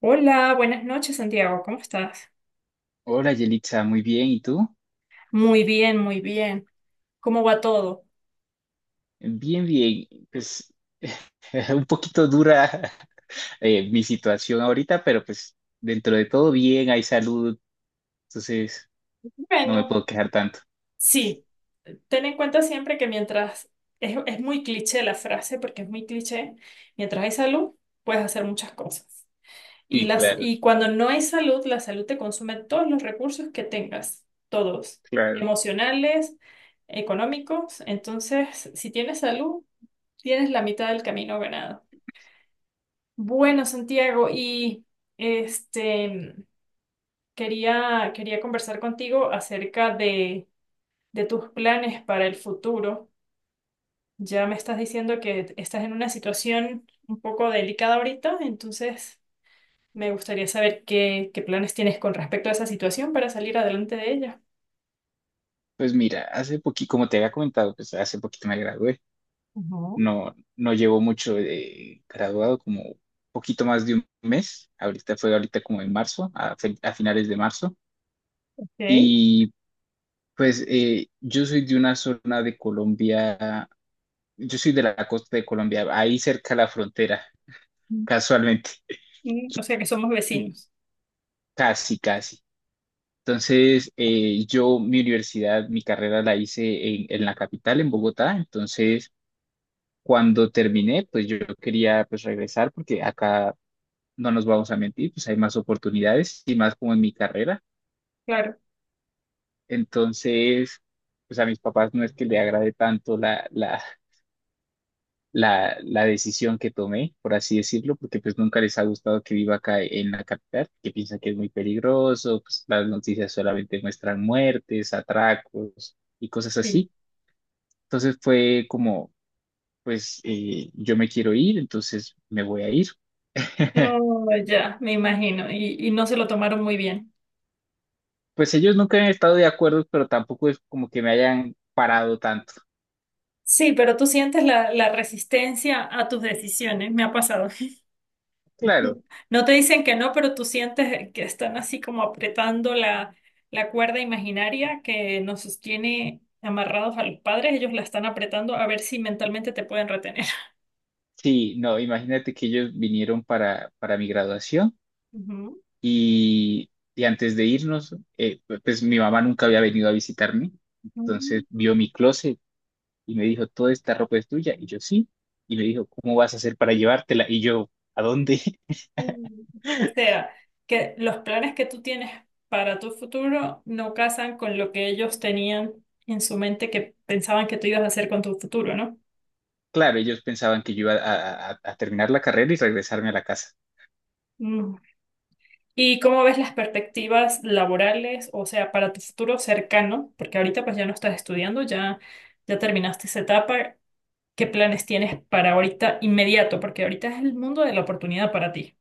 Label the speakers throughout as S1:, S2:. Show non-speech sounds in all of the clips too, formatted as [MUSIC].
S1: Hola, buenas noches, Santiago. ¿Cómo estás?
S2: Hola Yelitza, muy bien. ¿Y tú?
S1: Muy bien, muy bien. ¿Cómo va todo?
S2: Bien, bien. Pues [LAUGHS] un poquito dura [LAUGHS] mi situación ahorita, pero pues dentro de todo bien, hay salud, entonces no me
S1: Bueno,
S2: puedo quejar tanto.
S1: sí, ten en cuenta siempre que mientras es muy cliché la frase, porque es muy cliché, mientras hay salud, puedes hacer muchas cosas. Y
S2: Sí,
S1: las,
S2: claro,
S1: y cuando no hay salud, la salud te consume todos los recursos que tengas, todos,
S2: claro.
S1: emocionales, económicos. Entonces, si tienes salud, tienes la mitad del camino ganado. Bueno, Santiago, y este quería conversar contigo acerca de tus planes para el futuro. Ya me estás diciendo que estás en una situación un poco delicada ahorita, entonces me gustaría saber qué, qué planes tienes con respecto a esa situación para salir adelante de ella.
S2: Pues mira, hace poquito, como te había comentado, pues hace poquito me gradué.
S1: Ujú.
S2: No, no llevo mucho de graduado, como poquito más de un mes. Ahorita fue ahorita como en marzo, a finales de marzo.
S1: Ok.
S2: Y pues yo soy de una zona de Colombia. Yo soy de la costa de Colombia, ahí cerca de la frontera, casualmente, [LAUGHS]
S1: Mm, o sea que somos vecinos.
S2: casi, casi. Entonces, yo mi universidad, mi carrera la hice en la capital, en Bogotá. Entonces, cuando terminé, pues yo quería pues regresar porque acá no nos vamos a mentir, pues hay más oportunidades y más como en mi carrera.
S1: Claro,
S2: Entonces, pues a mis papás no es que le agrade tanto la decisión que tomé, por así decirlo, porque pues nunca les ha gustado que viva acá en la capital, que piensan que es muy peligroso, pues las noticias solamente muestran muertes, atracos y cosas
S1: sí.
S2: así. Entonces fue como, pues yo me quiero ir, entonces me voy a ir. [LAUGHS]
S1: Oh, ya, me imagino. Y no se lo tomaron muy bien.
S2: Pues ellos nunca han estado de acuerdo, pero tampoco es como que me hayan parado tanto.
S1: Sí, pero tú sientes la, la resistencia a tus decisiones. Me ha pasado.
S2: Claro,
S1: No te dicen que no, pero tú sientes que están así como apretando la, la cuerda imaginaria que nos sostiene amarrados a los padres. Ellos la están apretando a ver si mentalmente te pueden retener.
S2: sí, no, imagínate que ellos vinieron para mi graduación.
S1: Ujú.
S2: Y, y antes de irnos, pues mi mamá nunca había venido a visitarme, entonces
S1: Mm,
S2: vio mi closet y me dijo, toda esta ropa es tuya, y yo sí, y me dijo, ¿cómo vas a hacer para llevártela? Y yo, ¿a dónde? [LAUGHS]
S1: mm. O sea, que los planes que tú tienes para tu futuro no casan con lo que ellos tenían en su mente que pensaban que tú ibas a hacer con tu futuro, ¿no?
S2: Claro, ellos pensaban que yo iba a terminar la carrera y regresarme a la casa.
S1: ¿Y cómo ves las perspectivas laborales, o sea, para tu futuro cercano? Porque ahorita pues ya no estás estudiando, ya, ya terminaste esa etapa. ¿Qué planes tienes para ahorita inmediato? Porque ahorita es el mundo de la oportunidad para ti.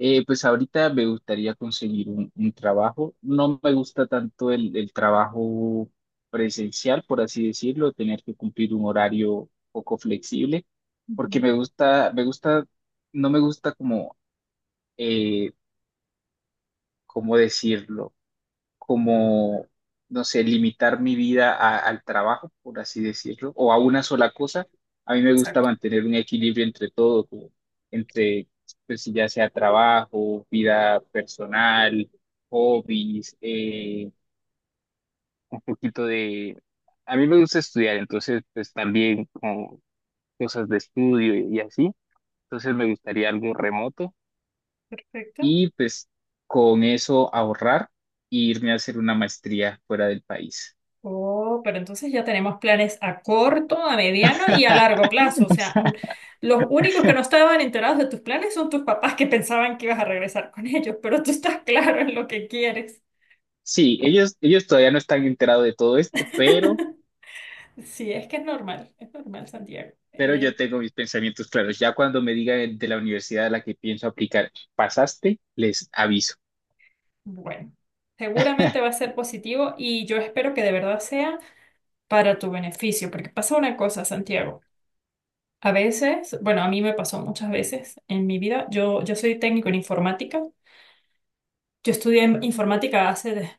S2: Pues ahorita me gustaría conseguir un trabajo. No me gusta tanto el trabajo presencial, por así decirlo, tener que cumplir un horario poco flexible, porque
S1: Ujú.
S2: me gusta, no me gusta como, eh, ¿cómo decirlo? Como, no sé, limitar mi vida al trabajo, por así decirlo, o a una sola cosa. A mí me gusta
S1: Exacto.
S2: mantener un equilibrio entre todo, como entre, pues si ya sea trabajo, vida personal, hobbies, un poquito de... A mí me gusta estudiar, entonces, pues también como cosas de estudio y así. Entonces me gustaría algo remoto
S1: Perfecto.
S2: y pues con eso ahorrar e irme a hacer una maestría fuera del país.
S1: Oh, pero entonces ya tenemos planes a corto, a mediano y a
S2: [LAUGHS]
S1: largo plazo. O sea, los únicos que no estaban enterados de tus planes son tus papás que pensaban que ibas a regresar con ellos, pero tú estás claro en lo que quieres.
S2: Sí, ellos todavía no están enterados de todo esto, pero,
S1: [LAUGHS] Sí, es que es normal, Santiago.
S2: pero yo tengo mis pensamientos claros. Ya cuando me digan de la universidad a la que pienso aplicar, pasaste, les aviso.
S1: Bueno, seguramente va a ser positivo y yo espero que de verdad sea para tu beneficio, porque pasa una cosa, Santiago. A veces, bueno, a mí me pasó muchas veces en mi vida, yo soy técnico en informática. Yo estudié informática hace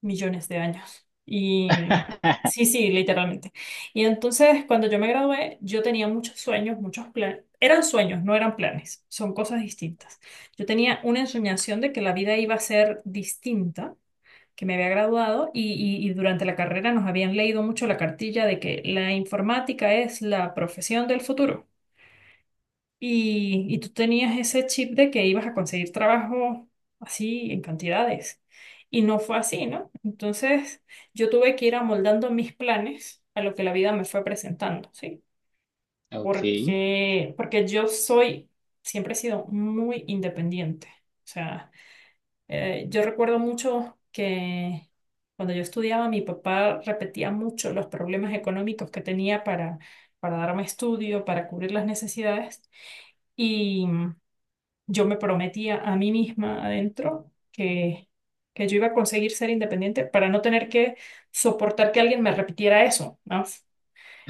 S1: millones de años. Y
S2: [LAUGHS]
S1: sí, sí, literalmente. Y entonces, cuando yo me gradué, yo tenía muchos sueños, muchos planes. Eran sueños, no eran planes. Son cosas distintas. Yo tenía una ensoñación de que la vida iba a ser distinta, que me había graduado y durante la carrera nos habían leído mucho la cartilla de que la informática es la profesión del futuro. Y tú tenías ese chip de que ibas a conseguir trabajo así en cantidades. Y no fue así, ¿no? Entonces yo tuve que ir amoldando mis planes a lo que la vida me fue presentando, ¿sí?
S2: Ok,
S1: Porque yo soy, siempre he sido muy independiente. O sea, yo recuerdo mucho que cuando yo estudiaba, mi papá repetía mucho los problemas económicos que tenía para darme estudio, para cubrir las necesidades. Yo me prometía a mí misma adentro que yo iba a conseguir ser independiente para no tener que soportar que alguien me repitiera eso, ¿no?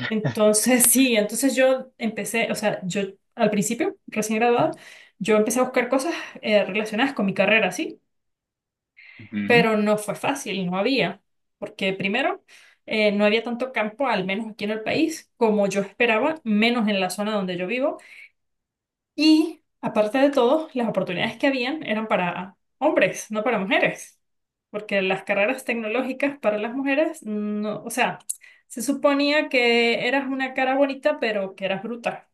S1: Entonces, [LAUGHS] sí, entonces yo empecé, o sea, yo al principio, recién graduada, yo empecé a buscar cosas relacionadas con mi carrera, sí,
S2: ujú,
S1: pero no fue fácil, no había, porque primero, no había tanto campo, al menos aquí en el país, como yo esperaba, menos en la zona donde yo vivo. Y aparte de todo, las oportunidades que habían eran para hombres, no para mujeres, porque las carreras tecnológicas para las mujeres, no, o sea, se suponía que eras una cara bonita, pero que eras bruta.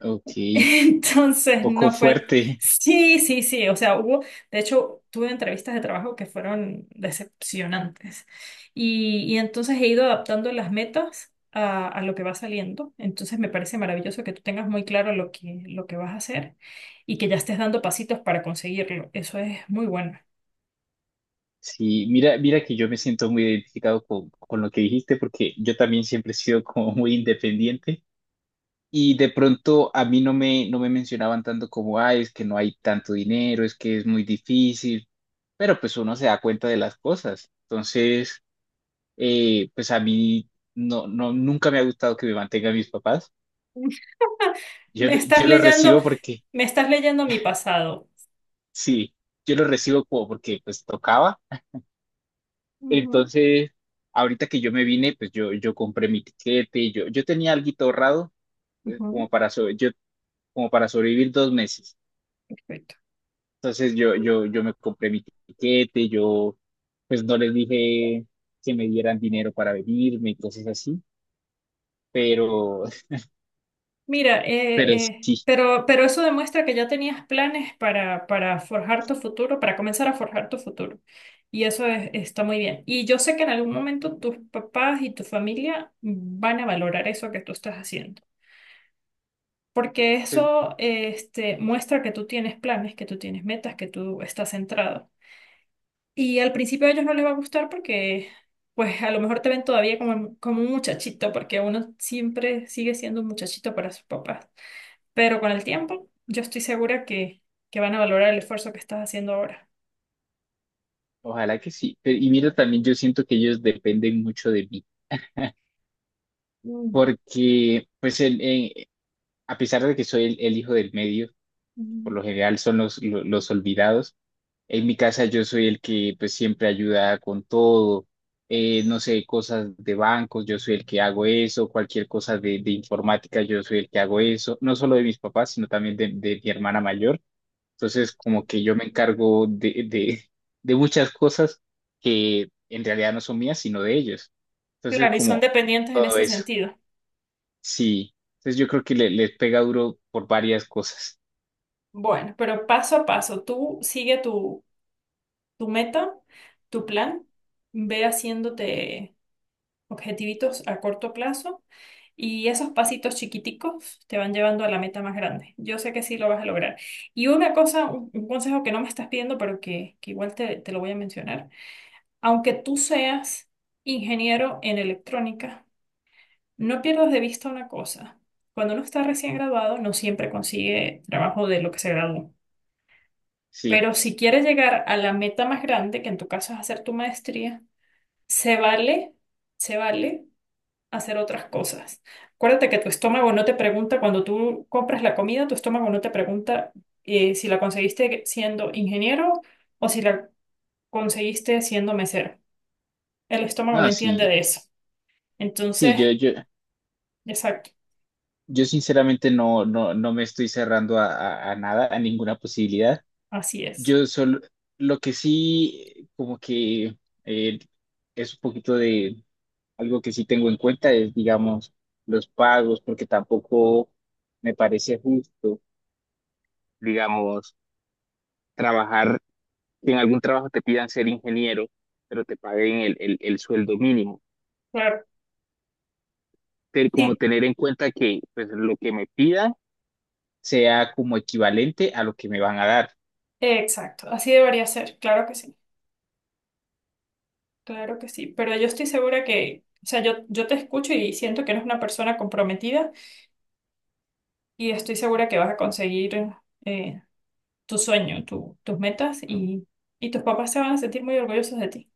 S2: ok,
S1: [LAUGHS] Entonces,
S2: poco
S1: no fue...
S2: fuerte.
S1: Sí, sí, sí, o sea, hubo, de hecho, tuve entrevistas de trabajo que fueron decepcionantes. Y entonces he ido adaptando las metas a lo que va saliendo. Entonces, me parece maravilloso que tú tengas muy claro lo que vas a hacer y que ya estés dando pasitos para conseguirlo. Eso es muy bueno.
S2: Sí, mira, mira que yo me siento muy identificado con lo que dijiste porque yo también siempre he sido como muy independiente. Y de pronto a mí no me mencionaban tanto como, ay, es que no hay tanto dinero, es que es muy difícil, pero pues uno se da cuenta de las cosas. Entonces, pues a mí no, no, nunca me ha gustado que me mantengan mis papás.
S1: [LAUGHS]
S2: Yo,
S1: Me estás
S2: yo lo
S1: leyendo,
S2: recibo porque,
S1: me estás leyendo mi pasado.
S2: sí, yo lo recibo como porque pues tocaba.
S1: Ujú,
S2: Entonces, ahorita que yo me vine, pues yo compré mi tiquete, yo tenía algo ahorrado,
S1: ujú.
S2: como para, como para sobrevivir dos meses.
S1: Perfecto.
S2: Entonces yo me compré mi tiquete, yo pues no les dije que me dieran dinero para venirme y cosas así, pero, [LAUGHS]
S1: Mira,
S2: pero sí,
S1: pero eso demuestra que ya tenías planes para forjar tu futuro, para comenzar a forjar tu futuro. Y está muy bien. Y yo sé que en algún momento tus papás y tu familia van a valorar eso que tú estás haciendo. Porque
S2: pues
S1: eso, este, muestra que tú tienes planes, que tú tienes metas, que tú estás centrado. Y al principio a ellos no les va a gustar porque, pues, a lo mejor te ven todavía como, como un muchachito, porque uno siempre sigue siendo un muchachito para sus papás. Pero con el tiempo, yo estoy segura que van a valorar el esfuerzo que estás haciendo ahora.
S2: ojalá que sí. Y mira, también yo siento que ellos dependen mucho de mí,
S1: Mm,
S2: porque pues a pesar de que soy el hijo del medio, por
S1: mm,
S2: lo general son los olvidados. En mi casa yo soy el que pues siempre ayuda con todo, no sé, cosas de bancos, yo soy el que hago eso, cualquier cosa de informática, yo soy el que hago eso, no solo de mis papás, sino también de mi hermana mayor. Entonces,
S1: claro.
S2: como que yo me encargo de muchas cosas que en realidad no son mías, sino de ellos. Entonces,
S1: Claro, y son
S2: como
S1: dependientes en
S2: todo
S1: ese
S2: eso,
S1: sentido.
S2: sí. Entonces, yo creo que les pega duro por varias cosas,
S1: Bueno, pero paso a paso, tú sigue tu, tu meta, tu plan, ve haciéndote objetivitos a corto plazo y esos pasitos chiquiticos te van llevando a la meta más grande. Yo sé que sí lo vas a lograr. Y una cosa, un consejo que no me estás pidiendo, pero que igual te, te lo voy a mencionar. Aunque tú seas ingeniero en electrónica, no pierdas de vista una cosa. Cuando uno está recién graduado, no siempre consigue trabajo de lo que se graduó.
S2: sí.
S1: Pero si quieres llegar a la meta más grande, que en tu caso es hacer tu maestría, se vale, se vale hacer otras cosas. Acuérdate que tu estómago no te pregunta cuando tú compras la comida, tu estómago no te pregunta si la conseguiste siendo ingeniero o si la conseguiste siendo mesero. El estómago
S2: No,
S1: no
S2: sí,
S1: entiende de eso.
S2: sí,
S1: Entonces,
S2: yo.
S1: exacto,
S2: Yo sinceramente no, no, no me estoy cerrando a, a nada, a ninguna posibilidad.
S1: así es.
S2: Yo solo, lo que sí, como que eh, es un poquito de algo que sí tengo en cuenta es, digamos, los pagos, porque tampoco me parece justo, digamos, trabajar, que en algún trabajo te pidan ser ingeniero, pero te paguen el sueldo mínimo.
S1: Claro,
S2: Te- Como
S1: sí,
S2: tener en cuenta que pues, lo que me pidan sea como equivalente a lo que me van a dar.
S1: exacto, así debería ser, claro que sí, claro que sí. Pero yo estoy segura que, o sea, yo te escucho y siento que eres una persona comprometida y estoy segura que vas a conseguir eh, tu sueño, tus metas y tus papás se van a sentir muy orgullosos de ti.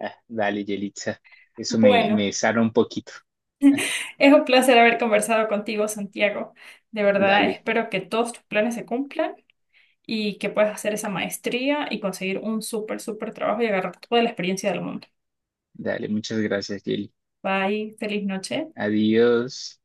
S2: Ah, dale, Yelitza. Eso
S1: Bueno,
S2: me sana un poquito.
S1: [LAUGHS] es un placer haber conversado contigo, Santiago. De verdad,
S2: Dale,
S1: espero que todos tus planes se cumplan. Y que puedas hacer esa maestría y conseguir un súper, súper trabajo y agarrar toda la experiencia del mundo.
S2: dale. Muchas gracias, Yeli.
S1: Bye, feliz noche.
S2: Adiós.